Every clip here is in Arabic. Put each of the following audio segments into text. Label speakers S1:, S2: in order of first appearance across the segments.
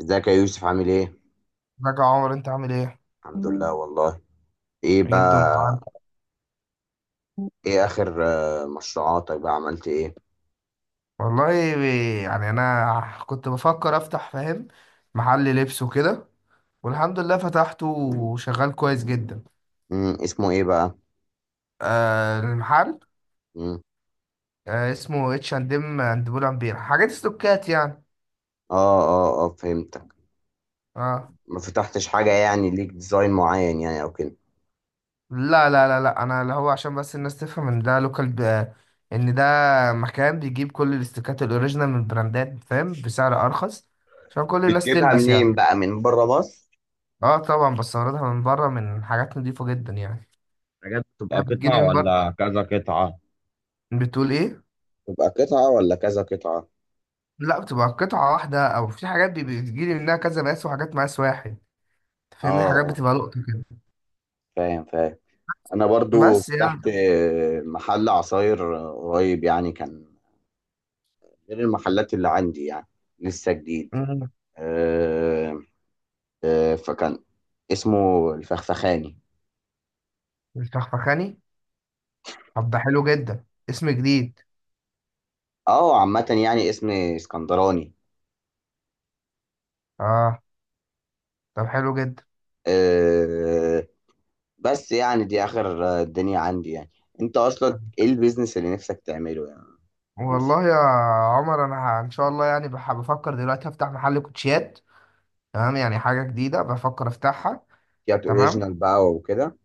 S1: ازيك يا يوسف، عامل ايه؟
S2: ازيك يا عمر انت عامل ايه؟
S1: الحمد لله والله. ايه
S2: ايه
S1: بقى.
S2: الدنيا معاك؟
S1: ايه اخر مشروعاتك بقى عملت ايه؟
S2: والله، يعني انا كنت بفكر افتح، فاهم، محل لبس وكده. والحمد لله فتحته وشغال كويس جدا.
S1: اسمه ايه بقى؟
S2: آه، المحل.
S1: مم.
S2: آه، اسمه اتش اند ام اند بول امبير، حاجات استوكات يعني.
S1: اه اه اه، فهمتك.
S2: اه.
S1: ما فتحتش حاجة يعني، ليك ديزاين معين يعني او كده؟
S2: لا لا لا لا، انا اللي هو عشان بس الناس تفهم ان ده لوكال ان ده مكان بيجيب كل الاستوكات الاوريجينال من البراندات، فاهم، بسعر ارخص، عشان كل الناس
S1: بتجيبها
S2: تلبس
S1: منين
S2: يعني.
S1: بقى، من بره مصر؟
S2: اه طبعا بستوردها من بره، من حاجات نضيفة جدا يعني.
S1: حاجات
S2: انا
S1: بتبقى
S2: بتجيلي
S1: قطعة
S2: من بره.
S1: ولا كذا قطعة؟
S2: بتقول ايه؟
S1: تبقى قطعة ولا كذا قطعة؟
S2: لا، بتبقى قطعة واحدة، او في حاجات بتجيلي منها كذا مقاس، وحاجات مقاس واحد.
S1: اه،
S2: تفهمني، حاجات
S1: آه،
S2: بتبقى لقطة كده.
S1: فاهم فاهم. انا برضو
S2: بس يعني.
S1: فتحت محل عصاير قريب يعني، كان غير المحلات اللي عندي يعني. لسه جديد.
S2: مم.
S1: آه، فكان اسمه الفخفخاني.
S2: الفخفخاني. طب ده حلو جدا، اسم جديد.
S1: اه، عامة يعني اسم اسكندراني.
S2: اه. طب حلو جدا.
S1: آه، بس يعني دي آخر الدنيا عندي يعني. انت اصلا ايه
S2: طب
S1: البيزنس اللي نفسك تعمله يعني؟ يوسف،
S2: والله يا عمر انا ان شاء الله يعني بفكر دلوقتي افتح محل كوتشيات. تمام، يعني حاجة جديدة بفكر افتحها.
S1: شيات
S2: تمام.
S1: اوريجينال بقى وكده.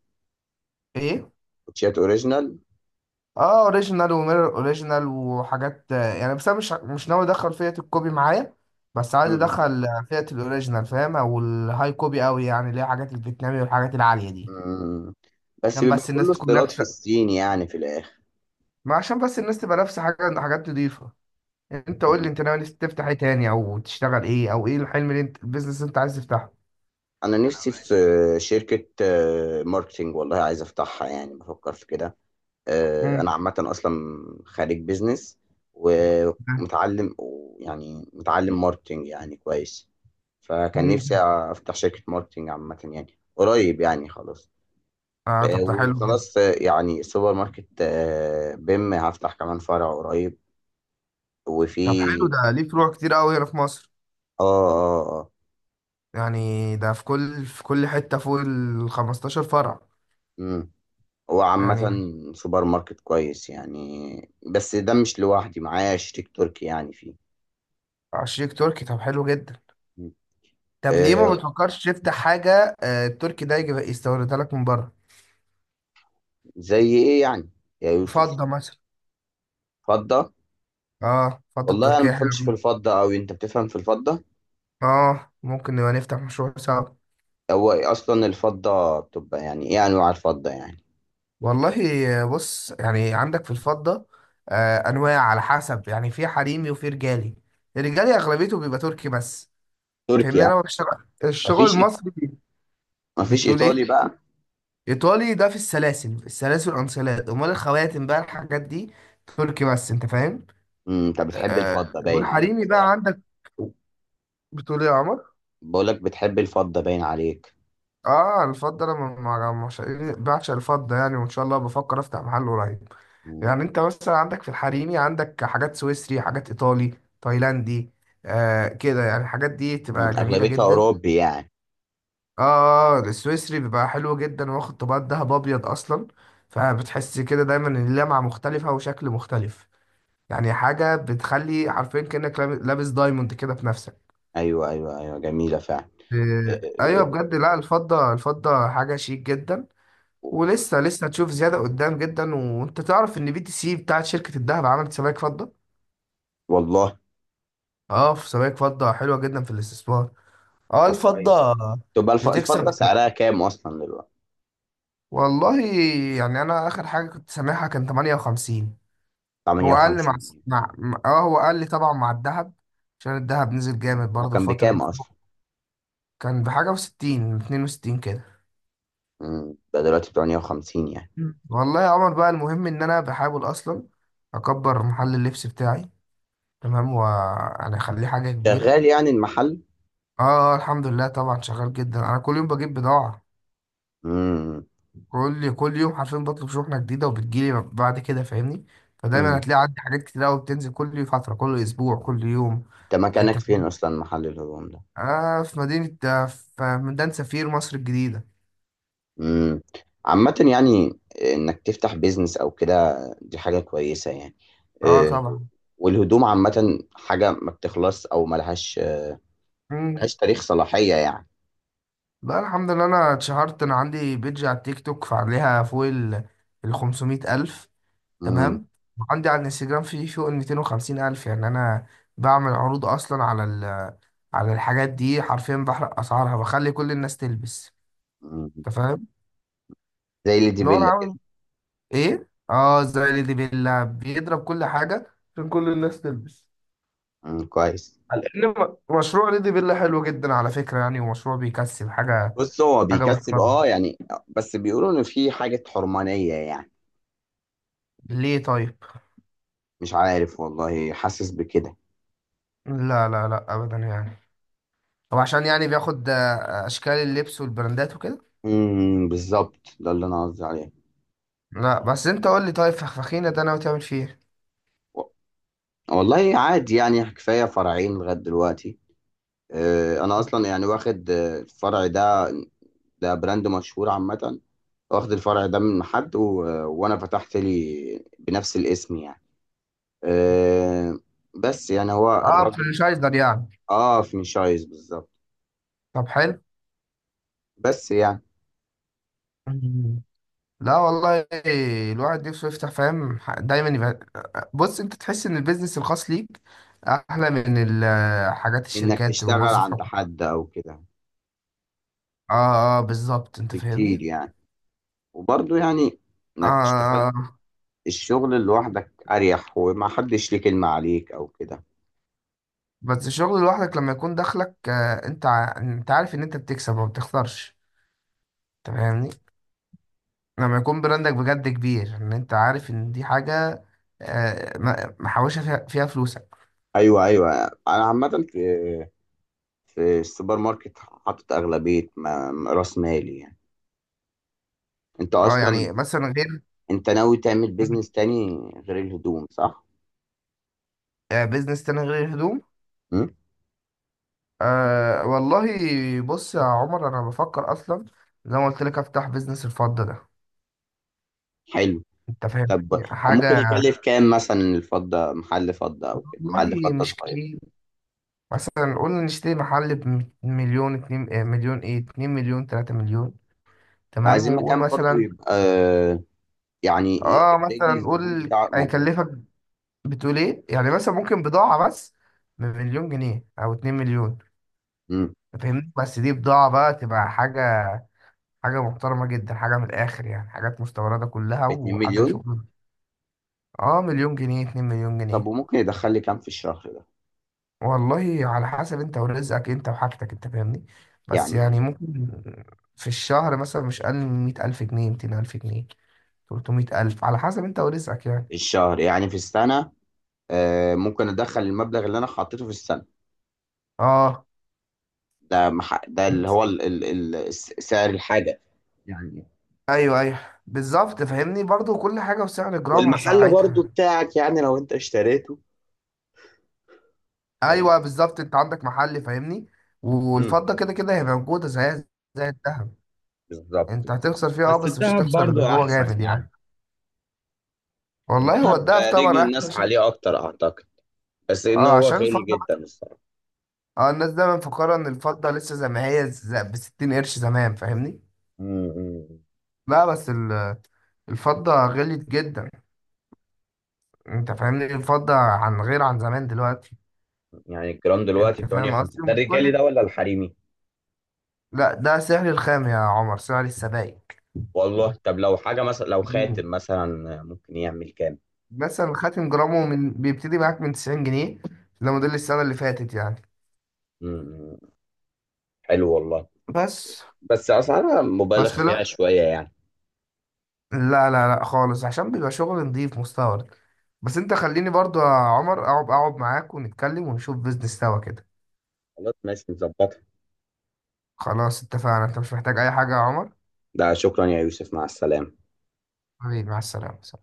S2: ايه.
S1: كوتشيات اوريجينال.
S2: اه، اوريجينال وميرور اوريجينال، وحاجات يعني، بس انا مش ناوي ادخل فئة الكوبي معايا. بس عايز
S1: مم.
S2: ادخل فئة الاوريجينال، فاهم، او الهاي كوبي قوي يعني، اللي هي حاجات الفيتنامي والحاجات العالية دي.
S1: مم. بس
S2: عشان
S1: بيبقى
S2: بس
S1: كله
S2: الناس تكون
S1: استيراد في
S2: لابسة.
S1: الصين يعني في الاخر.
S2: ما عشان بس الناس تبقى لابسة حاجة، حاجات نضيفة. انت قول لي
S1: مم.
S2: انت ناوي تفتح ايه تاني، او تشتغل ايه، او ايه الحلم اللي انت، البيزنس اللي انت عايز تفتحه.
S1: انا
S2: انا
S1: نفسي في
S2: ماشي.
S1: شركة ماركتينج، والله عايز افتحها يعني، بفكر في كده.
S2: مم.
S1: انا عامه اصلا خريج بيزنس، ومتعلم، يعني متعلم ماركتنج يعني كويس. فكان نفسي
S2: مم.
S1: افتح شركه ماركتنج عامه يعني قريب يعني، خلاص.
S2: اه طب ده حلو جدا.
S1: وخلاص، يعني سوبر ماركت بيم، هفتح كمان فرع قريب،
S2: طب
S1: وفي.
S2: حلو، ده ليه فروع كتير قوي هنا في مصر؟
S1: اه اه اه.
S2: يعني ده في كل حتة فوق ال 15 فرع
S1: مم. هو عامة
S2: يعني.
S1: سوبر ماركت كويس يعني، بس ده مش لوحدي، معايا شريك تركي يعني فيه.
S2: شريك تركي، طب حلو جدا. طب ليه ما
S1: آه،
S2: بتفكرش تفتح حاجة، التركي ده يجي يستوردها لك من بره.
S1: زي ايه يعني يا يوسف؟
S2: فضة مثلا.
S1: فضة.
S2: اه فضة
S1: والله انا ما
S2: تركية حلوة
S1: بفهمش في
S2: جدا.
S1: الفضه أوي، انت بتفهم في الفضه.
S2: اه ممكن نبقى نفتح مشروع سوا.
S1: هو اصلا الفضه بتبقى يعني ايه، انواع الفضه يعني؟
S2: والله، بص يعني عندك في الفضة، أنواع على حسب يعني، في حريمي وفي رجالي. الرجالي أغلبيته بيبقى تركي بس. فاهمني،
S1: تركيا.
S2: أنا بشتغل الشغل
S1: مفيش
S2: المصري.
S1: مفيش
S2: بتقول إيه؟
S1: ايطالي بقى.
S2: ايطالي ده في السلاسل، السلاسل والانسلات، امال الخواتم بقى الحاجات دي تركي بس، انت فاهم.
S1: انت بتحب الفضه باين عليك،
S2: والحريمي
S1: فاهم.
S2: بقى عندك. بتقول ايه يا عمر؟
S1: بقول لك بتحب الفضه باين عليك.
S2: اه الفضه، انا بعشق الفضه يعني، وان شاء الله بفكر افتح محل قريب.
S1: مم.
S2: يعني انت مثلا عندك في الحريمي، عندك حاجات سويسري، حاجات ايطالي، تايلاندي، آه كده يعني. الحاجات دي تبقى جميله
S1: اغلبيتها
S2: جدا.
S1: اوروبي يعني.
S2: اه السويسري بيبقى حلو جدا، واخد طبقات دهب ابيض اصلا، فبتحس كده دايما ان اللمعه مختلفه وشكل مختلف. يعني حاجة بتخلي حرفيا كأنك لابس دايموند كده في نفسك.
S1: ايوه، ايوه، ايوه، جميله فعلا. إيه،
S2: ايوه
S1: إيه،
S2: بجد، لا الفضة، الفضة حاجة شيك جدا. ولسه لسه هتشوف زيادة قدام جدا. وانت تعرف ان بي تي سي بتاعت شركة الذهب عملت سبائك فضة.
S1: والله.
S2: اه في سبائك فضة حلوة جدا في الاستثمار. اه
S1: طب
S2: الفضة
S1: كويس. تبقى
S2: بتكسب.
S1: الفضه سعرها كام اصلا دلوقتي؟
S2: والله يعني انا اخر حاجة كنت سامعها كان 58. هو اقل مع،
S1: 58؟
S2: اه هو اقل طبعا مع الذهب، عشان الذهب نزل جامد
S1: هو
S2: برضه
S1: كان
S2: الفترة
S1: بكام
S2: دي.
S1: اصلا؟
S2: كان بحاجة و60، 62 كده.
S1: ده دلوقتي 58 يعني.
S2: مم. والله يا عمر بقى، المهم ان انا بحاول اصلا اكبر محل اللبس بتاعي، تمام، وانا اخليه حاجه كبيره.
S1: شغال يعني المحل؟
S2: اه الحمد لله، طبعا شغال جدا. انا كل يوم بجيب بضاعه.
S1: امم.
S2: كل يوم حرفيا بطلب شحنه جديده، وبتجيلي بعد كده، فاهمني. فدايما
S1: مم.
S2: هتلاقي عندي حاجات كتير قوي بتنزل كل فتره، كل اسبوع، كل يوم.
S1: انت
S2: انت
S1: مكانك فين
S2: فاهم؟
S1: اصلا محل الهدوم ده؟
S2: اه في مدينه، في ميدان سفير، مصر الجديده.
S1: امم. عامة يعني انك تفتح بيزنس او كده، دي حاجة كويسة يعني.
S2: اه
S1: آه،
S2: طبعا.
S1: والهدوم عامة حاجة ما بتخلص، او ملهاش
S2: مم.
S1: ملهاش تاريخ صلاحية يعني.
S2: لا الحمد لله، انا اتشهرت. انا عندي بيدج على التيك توك فعليها فوق ال 500 ألف.
S1: امم
S2: تمام. وعندي على الانستجرام في فوق ال 250 الف. يعني انا بعمل عروض اصلا على الحاجات دي، حرفيا بحرق اسعارها، بخلي كل الناس تلبس،
S1: امم.
S2: انت فاهم.
S1: زي اللي دي
S2: نور
S1: بيلا كده.
S2: عامل ايه، اه زي ليدي بيلا بيضرب كل حاجه عشان كل الناس تلبس.
S1: امم، كويس.
S2: على ان مشروع ليدي بيلا حلو جدا على فكره يعني، ومشروع بيكسب حاجه،
S1: بص هو
S2: حاجه
S1: بيكسب، اه
S2: محترمه.
S1: يعني. بس بيقولوا ان في حاجة حرمانية يعني.
S2: ليه طيب؟
S1: مش عارف والله، حاسس بكده.
S2: لا لا لا ابدا يعني. هو عشان يعني بياخد اشكال اللبس والبراندات وكده.
S1: بالظبط، ده اللي انا قصدي عليه.
S2: لا بس انت قول لي طيب، فخفخينة ده ناوي تعمل فيه ايه؟
S1: والله عادي يعني، كفاية فرعين لغاية دلوقتي. أنا أصلا يعني واخد الفرع ده، ده براند مشهور عامة. واخد الفرع ده من حد وأنا فتحت لي بنفس الاسم يعني. آه، بس يعني هو
S2: اه
S1: الراجل.
S2: فرنشايزر يعني.
S1: آه، فرنشايز بالظبط.
S2: طب حلو.
S1: بس يعني
S2: مم. لا والله، الواحد نفسه يفتح، فاهم، دايما يبقى. بص، انت تحس ان البيزنس الخاص ليك احلى من حاجات
S1: إنك
S2: الشركات تبقى
S1: تشتغل
S2: موظف
S1: عند
S2: حكومي.
S1: حد أو كده،
S2: اه اه بالظبط، انت
S1: بكتير
S2: فاهمني.
S1: يعني. وبرضه يعني،
S2: اه.
S1: إنك تشتغل
S2: آه. آه.
S1: الشغل لوحدك أريح، وما حدش ليه كلمة عليك أو كده.
S2: بس الشغل لوحدك لما يكون دخلك، انت انت عارف ان انت بتكسب وما بتخسرش، انت فاهمني. لما يكون براندك بجد كبير، ان انت عارف ان دي حاجة، محوشة فيها فلوسك.
S1: أيوه، أيوه. أنا عامة في السوبر ماركت حاطط أغلبية رأس مالي يعني. أنت
S2: اه
S1: أصلا،
S2: يعني مثلا غير،
S1: أنت ناوي تعمل بيزنس تاني غير الهدوم، صح؟
S2: بيزنس تاني غير الهدوم.
S1: مم؟
S2: أه والله، بص يا عمر انا بفكر اصلا زي ما قلت لك افتح بيزنس الفضة ده،
S1: حلو.
S2: انت فاهم،
S1: طب، أو ممكن
S2: حاجة.
S1: يكلف كام مثلا الفضة، محل فضة أو كده، محل
S2: والله
S1: فضة
S2: مش
S1: صغير؟
S2: كتير. مثلا قول نشتري محل بـ1 مليون، اتنين، مليون، ايه، اتنين مليون، 3 مليون، تمام.
S1: عايزين
S2: وقول
S1: مكان برضو
S2: مثلا،
S1: يبقى، يعني
S2: اه
S1: رجل
S2: مثلا
S1: الزبون
S2: قول
S1: بتاعك موجود.
S2: هيكلفك، بتقول ايه يعني، مثلا ممكن بضاعة بس بـ1 مليون جنيه او 2 مليون،
S1: مم.
S2: فاهمني. بس دي بضاعة بقى، تبقى حاجة، حاجة محترمة جدا، حاجة من الاخر يعني، حاجات مستوردة كلها
S1: 2
S2: وحاجة
S1: مليون.
S2: شغل. اه 1 مليون جنيه، اتنين مليون
S1: طب
S2: جنيه
S1: وممكن يدخل لي كام في الشهر ده؟
S2: والله على حسب انت ورزقك، انت وحاجتك، انت فاهمني. بس
S1: يعني
S2: يعني ممكن في الشهر مثلا مش اقل من 100 ألف جنيه، 200 ألف جنيه، 300 ألف، على حسب انت ورزقك يعني.
S1: في الشهر، يعني في السنة، ممكن أدخل المبلغ اللي أنا حطيته في السنة
S2: اه
S1: ده. ده اللي
S2: بس.
S1: هو سعر الحاجة يعني.
S2: ايوه ايوه بالظبط، فاهمني، برضو كل حاجة وسعر جرامها
S1: والمحل برضو
S2: ساعتها.
S1: بتاعك يعني، لو انت اشتريته. طيب.
S2: ايوه بالظبط، انت عندك محل، فاهمني.
S1: امم.
S2: والفضه كده كده هي موجوده زيها زي الذهب.
S1: بالظبط
S2: انت
S1: بالظبط،
S2: هتخسر فيها، اه
S1: بس
S2: بس مش
S1: الذهب
S2: هتخسر
S1: برضو
S2: اللي هو
S1: احسن
S2: جامد
S1: يعني.
S2: يعني. والله، هو
S1: الذهب
S2: الذهب
S1: رجل
S2: طبعا احلى،
S1: الناس
S2: عشان،
S1: عليه اكتر، اعتقد. بس انه
S2: اه
S1: هو
S2: عشان
S1: غالي
S2: الفضه،
S1: جدا الصراحه.
S2: اه الناس دايما مفكره ان الفضه لسه زي ما هي، ب 60 قرش زمان، فاهمني.
S1: أمم.
S2: لا بس الفضه غليت جدا، انت فاهمني. الفضه عن غير عن زمان دلوقتي.
S1: يعني الجرام دلوقتي
S2: انت
S1: ب
S2: فاهم
S1: 58
S2: قصدي،
S1: ده،
S2: مش
S1: الرجالي
S2: كل.
S1: ده ولا الحريمي؟
S2: لا ده سعر الخام يا عمر، سعر السبائك.
S1: والله، طب لو حاجه مثلا، لو خاتم مثلا، ممكن يعمل كام؟
S2: مثلا خاتم جرامه بيبتدي معاك من 90 جنيه، ده موديل السنة اللي فاتت يعني.
S1: أمم. حلو والله.
S2: بس.
S1: بس اسعارها مبالغ
S2: بس
S1: فيها
S2: لا
S1: شويه يعني.
S2: لا لا لا خالص، عشان بيبقى شغل نضيف مستورد. بس انت خليني برضو يا عمر اقعد، اقعد معاك ونتكلم، ونشوف بيزنس سوا كده.
S1: خلاص، ماشي، نظبطها.
S2: خلاص اتفقنا، انت مش محتاج اي حاجة يا عمر؟
S1: ده شكرا يا يوسف، مع السلامة.
S2: حبيبي، مع السلامة.